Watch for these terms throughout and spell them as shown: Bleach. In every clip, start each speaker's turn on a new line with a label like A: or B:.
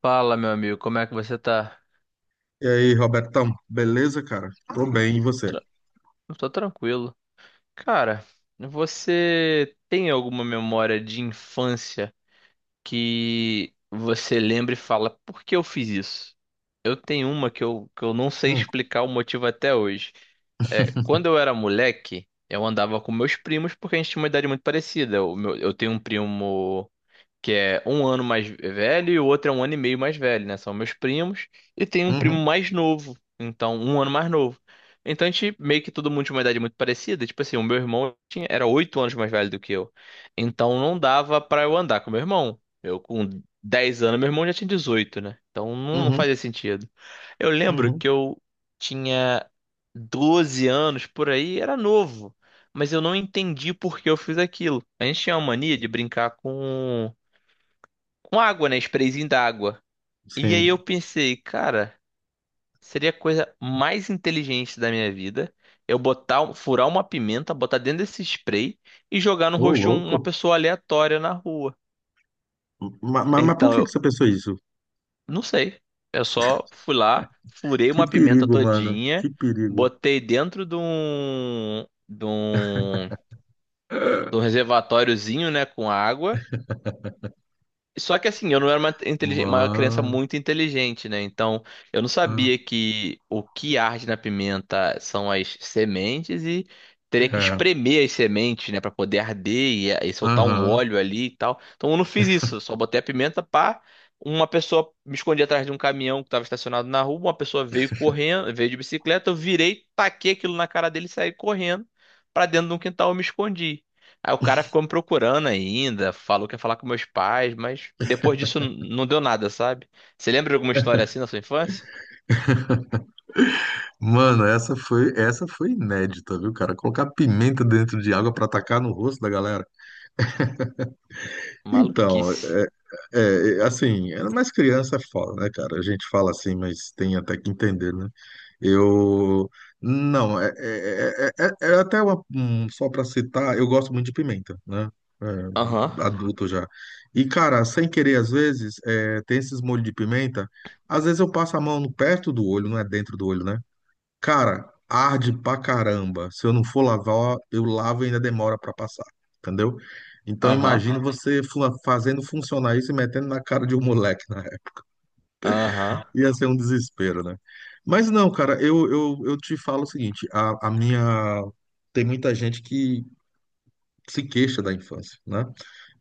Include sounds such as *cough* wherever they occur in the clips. A: Fala, meu amigo, como é que você tá?
B: E aí, Robertão, beleza, cara? Tô bem, e você?
A: Tra- Eu tô tranquilo. Cara, você tem alguma memória de infância que você lembra e fala, por que eu fiz isso? Eu tenho uma que eu não sei
B: Hum.
A: explicar o motivo até hoje. É, quando eu era moleque, eu andava com meus primos porque a gente tinha uma idade muito parecida. Eu tenho um primo que é um ano mais velho e o outro é um ano e meio mais velho, né? São meus primos. E tem um primo
B: Uhum.
A: mais novo, então um ano mais novo. Então a gente meio que todo mundo tinha uma idade muito parecida. Tipo assim, o meu irmão tinha, era 8 anos mais velho do que eu. Então não dava pra eu andar com meu irmão. Eu com 10 anos, meu irmão já tinha 18, né? Então não, não
B: Uhum.
A: fazia sentido. Eu lembro
B: Uhum.
A: que eu tinha 12 anos por aí, era novo. Mas eu não entendi por que eu fiz aquilo. A gente tinha uma mania de brincar com água, né? Sprayzinho d'água. E aí eu
B: Sim.
A: pensei, cara, seria a coisa mais inteligente da minha vida eu botar, furar uma pimenta, botar dentro desse spray e jogar no
B: Ô,
A: rosto de uma
B: louco.
A: pessoa aleatória na rua.
B: Mas, por
A: Então
B: que que
A: eu
B: você pensou isso?
A: não sei. Eu só fui lá, furei
B: Que
A: uma pimenta
B: perigo, mano. Que
A: todinha,
B: perigo.
A: botei dentro de um
B: *laughs*
A: reservatóriozinho, né, com água. Só que assim, eu não era uma criança
B: Mano.
A: muito inteligente, né? Então, eu não sabia que o que arde na pimenta são as sementes e teria que
B: É.
A: espremer as sementes, né, pra poder arder e soltar um
B: Aham.
A: óleo ali e tal. Então, eu não fiz isso, eu só botei a pimenta pá. Uma pessoa me escondi atrás de um caminhão que estava estacionado na rua, uma pessoa veio correndo, veio de bicicleta, eu virei, taquei aquilo na cara dele e saí correndo pra dentro de um quintal, eu me escondi. Aí o cara ficou me procurando ainda, falou que ia falar com meus pais, mas depois disso não deu nada, sabe? Você lembra de alguma história assim na sua infância?
B: Mano, essa foi inédita, viu, cara? Colocar pimenta dentro de água pra atacar no rosto da galera. Então,
A: Maluquice.
B: assim, era mais criança é foda, né, cara? A gente fala assim, mas tem até que entender, né? Eu. Não, é até uma, só pra citar, eu gosto muito de pimenta, né?
A: Aham,
B: É, adulto já. E, cara, sem querer, às vezes, é, tem esses molhos de pimenta, às vezes eu passo a mão no perto do olho, não é dentro do olho, né? Cara, arde pra caramba. Se eu não for lavar, eu lavo e ainda demora pra passar, entendeu? Então
A: aham,
B: imagina você fazendo funcionar isso e metendo na cara de um moleque, né?
A: aham,
B: *laughs* Ia ser um desespero, né? Mas não, cara, eu te falo o seguinte, a minha... Tem muita gente que se queixa da infância, né?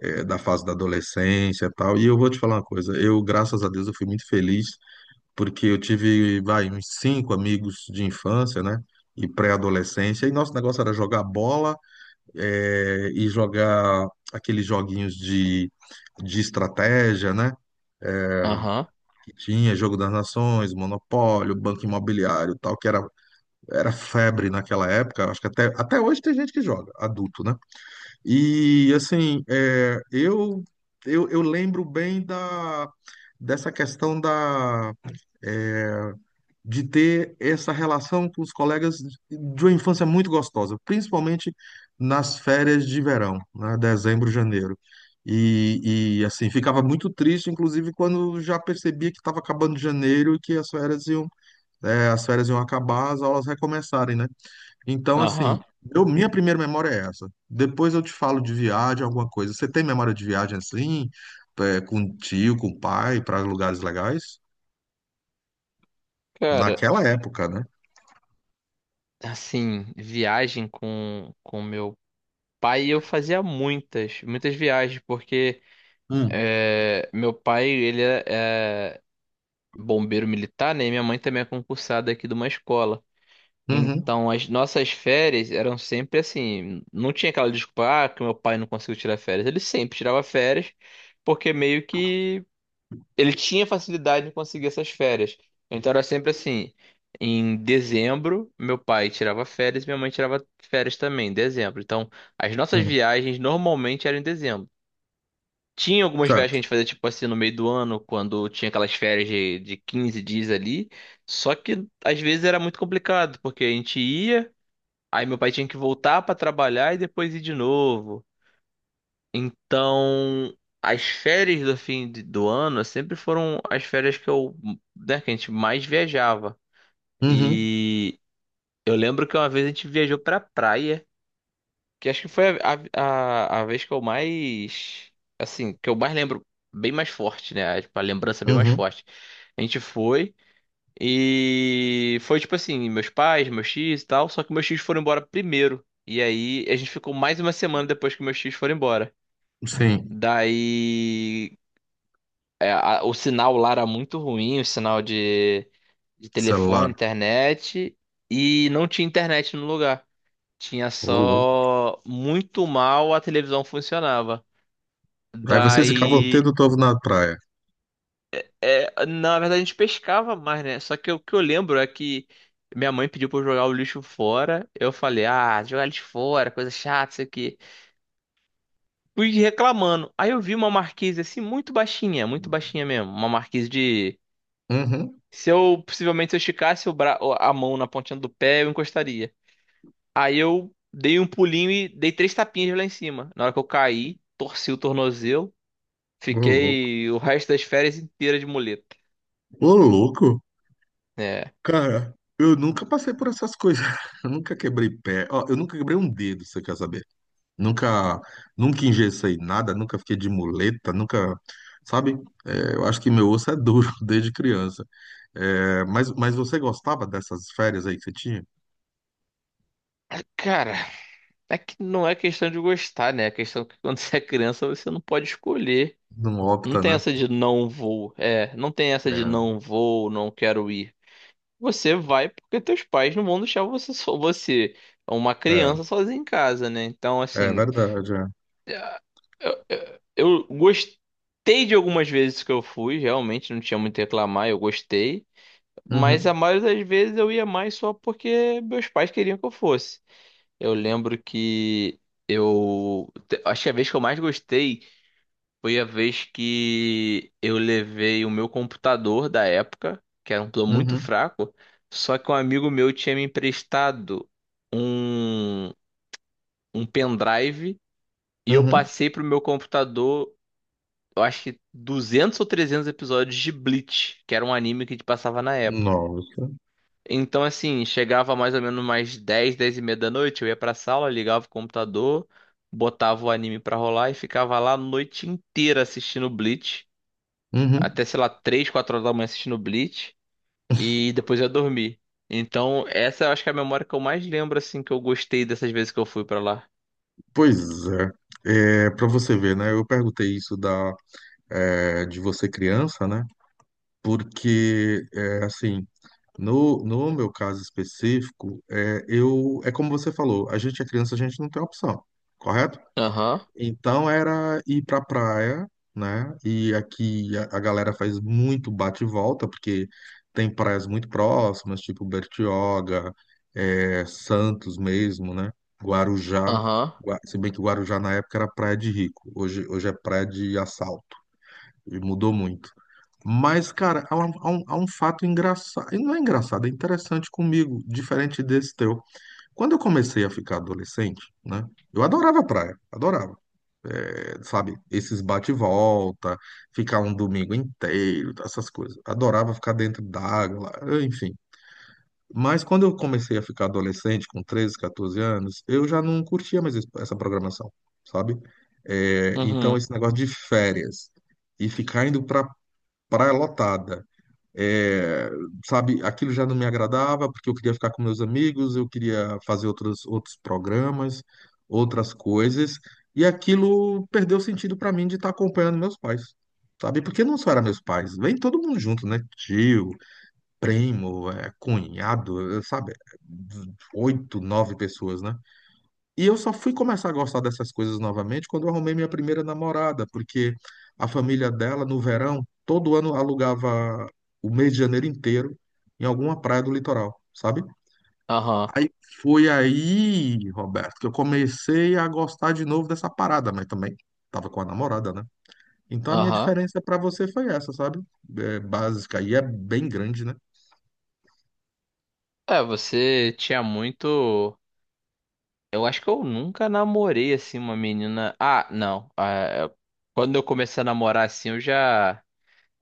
B: É, da fase da adolescência e tal. E eu vou te falar uma coisa, eu, graças a Deus, eu fui muito feliz porque eu tive, vai, uns cinco amigos de infância, né? E pré-adolescência, e nosso negócio era jogar bola, e jogar aqueles joguinhos de estratégia, né?
A: aham,
B: Que tinha Jogo das Nações, Monopólio, Banco Imobiliário, e tal, que era, era febre naquela época. Acho que até hoje tem gente que joga, adulto, né? E assim, eu lembro bem dessa questão da, eh, de ter essa relação com os colegas de uma infância muito gostosa, principalmente nas férias de verão, né, dezembro, janeiro. E assim, ficava muito triste, inclusive, quando já percebia que estava acabando janeiro e que as férias iam acabar, as aulas recomeçarem, né? Então, assim,
A: aham.
B: eu, minha primeira memória é essa. Depois eu te falo de viagem, alguma coisa. Você tem memória de viagem assim, é, com tio, com pai, para lugares legais?
A: Cara,
B: Naquela época, né?
A: assim, viagem com meu pai, eu fazia muitas, muitas viagens, porque
B: Hum.
A: é, meu pai, ele é bombeiro militar, né? E minha mãe também é concursada aqui de uma escola.
B: Uhum.
A: Então, as nossas férias eram sempre assim. Não tinha aquela desculpa, ah, que meu pai não conseguiu tirar férias. Ele sempre tirava férias, porque meio que ele tinha facilidade em conseguir essas férias. Então, era sempre assim. Em dezembro, meu pai tirava férias e minha mãe tirava férias também, em dezembro. Então, as nossas
B: Hum.
A: viagens normalmente eram em dezembro. Tinha algumas viagens
B: Certo.
A: que a gente fazia, tipo assim, no meio do ano, quando tinha aquelas férias de 15 dias ali. Só que às vezes era muito complicado, porque a gente ia. Aí meu pai tinha que voltar pra trabalhar e depois ir de novo. Então, as férias do do ano sempre foram as férias que eu, né, que a gente mais viajava.
B: Uhum.
A: E eu lembro que uma vez a gente viajou pra praia, que acho que foi a vez que eu mais, assim, que eu mais lembro bem mais forte, né? Tipo, a lembrança bem mais
B: Uhum.
A: forte. A gente foi. E foi tipo assim, meus pais, meus tios e tal, só que meus tios foram embora primeiro. E aí a gente ficou mais uma semana depois que meus tios foram embora.
B: Sim.
A: Daí é, o sinal lá era muito ruim, o sinal de telefone,
B: Celular.
A: internet, e não tinha internet no lugar. Tinha
B: Ô, louco.
A: só muito mal a televisão funcionava.
B: Aí vocês ficavam
A: Daí
B: tendo todo na praia.
A: é, na verdade, a gente pescava mais, né? Só que o que eu lembro é que minha mãe pediu pra eu jogar o lixo fora. Eu falei, ah, jogar lixo fora, coisa chata, isso aqui. Fui reclamando. Aí eu vi uma marquise assim, muito baixinha mesmo. Uma marquise de.
B: Uhum.
A: Se eu, possivelmente, se eu esticasse a mão na pontinha do pé, eu encostaria. Aí eu dei um pulinho e dei três tapinhas lá em cima. Na hora que eu caí, torci o tornozelo,
B: Ô, louco.
A: fiquei o resto das férias inteira de muleta.
B: Ô, louco.
A: É.
B: Cara, eu nunca passei por essas coisas. *laughs* Eu nunca quebrei pé. Ó, eu nunca quebrei um dedo, você quer saber? Nunca, nunca engessei nada, nunca fiquei de muleta, nunca. Sabe? É, eu acho que meu osso é duro *laughs* desde criança. É, mas você gostava dessas férias aí que você tinha?
A: Cara. É que não é questão de gostar, né? É questão que quando *laughs* você é criança você não pode escolher.
B: Não
A: Não
B: opta,
A: tem
B: né?
A: essa de não vou. É, não tem essa de
B: É,
A: não vou, não quero ir. Você vai porque teus pais não vão deixar você só você, é uma
B: é,
A: criança sozinha em casa, né? Então,
B: é
A: assim,
B: verdade. É.
A: eu gostei de algumas vezes que eu fui, realmente não tinha muito a reclamar, eu gostei. Mas a
B: Uhum.
A: maioria das vezes eu ia mais só porque meus pais queriam que eu fosse. Eu lembro que acho que a vez que eu mais gostei foi a vez que eu levei o meu computador da época, que era um plano muito
B: Uhum.
A: fraco, só que um amigo meu tinha me emprestado um, um pendrive e eu
B: Uhum.
A: passei pro meu computador, eu acho que 200 ou 300 episódios de Bleach, que era um anime que a gente passava na.
B: Nossa.
A: Então, assim, chegava mais ou menos mais 10, 10 e meia da noite, eu ia pra sala, ligava o computador, botava o anime pra rolar e ficava lá a noite inteira assistindo Bleach.
B: Uhum.
A: Até, sei lá, 3, 4 horas da manhã assistindo Bleach. E depois eu ia dormir. Então, essa eu acho que é a memória que eu mais lembro, assim, que eu gostei dessas vezes que eu fui pra lá.
B: Pois é. É, para você ver, né? Eu perguntei isso de você criança, né? Porque, é, assim, no meu caso específico, é, eu, é como você falou, a gente é criança, a gente não tem opção, correto?
A: Aham,
B: Então era ir pra praia, né? E aqui a galera faz muito bate e volta, porque tem praias muito próximas, tipo Bertioga, é, Santos mesmo, né? Guarujá.
A: aham,
B: Se bem que Guarujá na época era praia de rico, hoje é praia de assalto, e mudou muito. Mas, cara, há um fato engraçado, e não é engraçado, é interessante comigo, diferente desse teu. Quando eu comecei a ficar adolescente, né? Eu adorava praia, adorava, sabe? Esses bate e volta, ficar um domingo inteiro, essas coisas. Adorava ficar dentro d'água, lá, enfim. Mas quando eu comecei a ficar adolescente, com 13, 14 anos, eu já não curtia mais essa programação, sabe? É, então,
A: uhum,
B: esse negócio de férias e ficar indo pra praia lotada é, sabe, aquilo já não me agradava porque eu queria ficar com meus amigos, eu queria fazer outros programas, outras coisas, e aquilo perdeu sentido para mim de estar acompanhando meus pais, sabe? Porque não só era meus pais, vem todo mundo junto, né? Tio, primo, é, cunhado, é, sabe? 8, 9 pessoas, né? E eu só fui começar a gostar dessas coisas novamente quando eu arrumei minha primeira namorada, porque a família dela, no verão, todo ano alugava o mês de janeiro inteiro em alguma praia do litoral, sabe?
A: aham,
B: Aí foi aí, Roberto, que eu comecei a gostar de novo dessa parada, mas também tava com a namorada, né? Então a minha
A: aham.
B: diferença para você foi essa, sabe? É básica e é bem grande, né?
A: É, você tinha muito. Eu acho que eu nunca namorei assim uma menina. Ah, não. Ah, é, quando eu comecei a namorar assim, eu já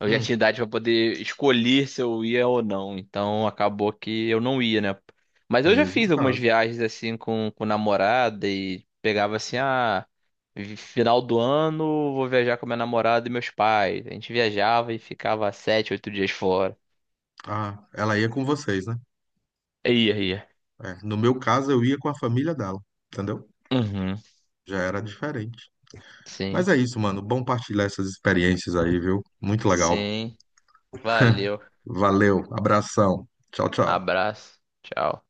A: eu já tinha
B: Hum,
A: idade pra poder escolher se eu ia ou não. Então acabou que eu não ia, né? Mas eu já
B: mesmo
A: fiz algumas
B: caso.
A: viagens assim com namorada e pegava assim ah, final do ano vou viajar com minha namorada e meus pais. A gente viajava e ficava 7, 8 dias fora.
B: Ah, ela ia com vocês, né?
A: Ia, ia.
B: É, no meu caso, eu ia com a família dela, entendeu?
A: Uhum.
B: Já era diferente. Mas
A: Sim.
B: é isso, mano. Bom partilhar essas experiências aí, viu? Muito legal.
A: Sim. Valeu.
B: Valeu, abração. Tchau, tchau.
A: Abraço. Tchau.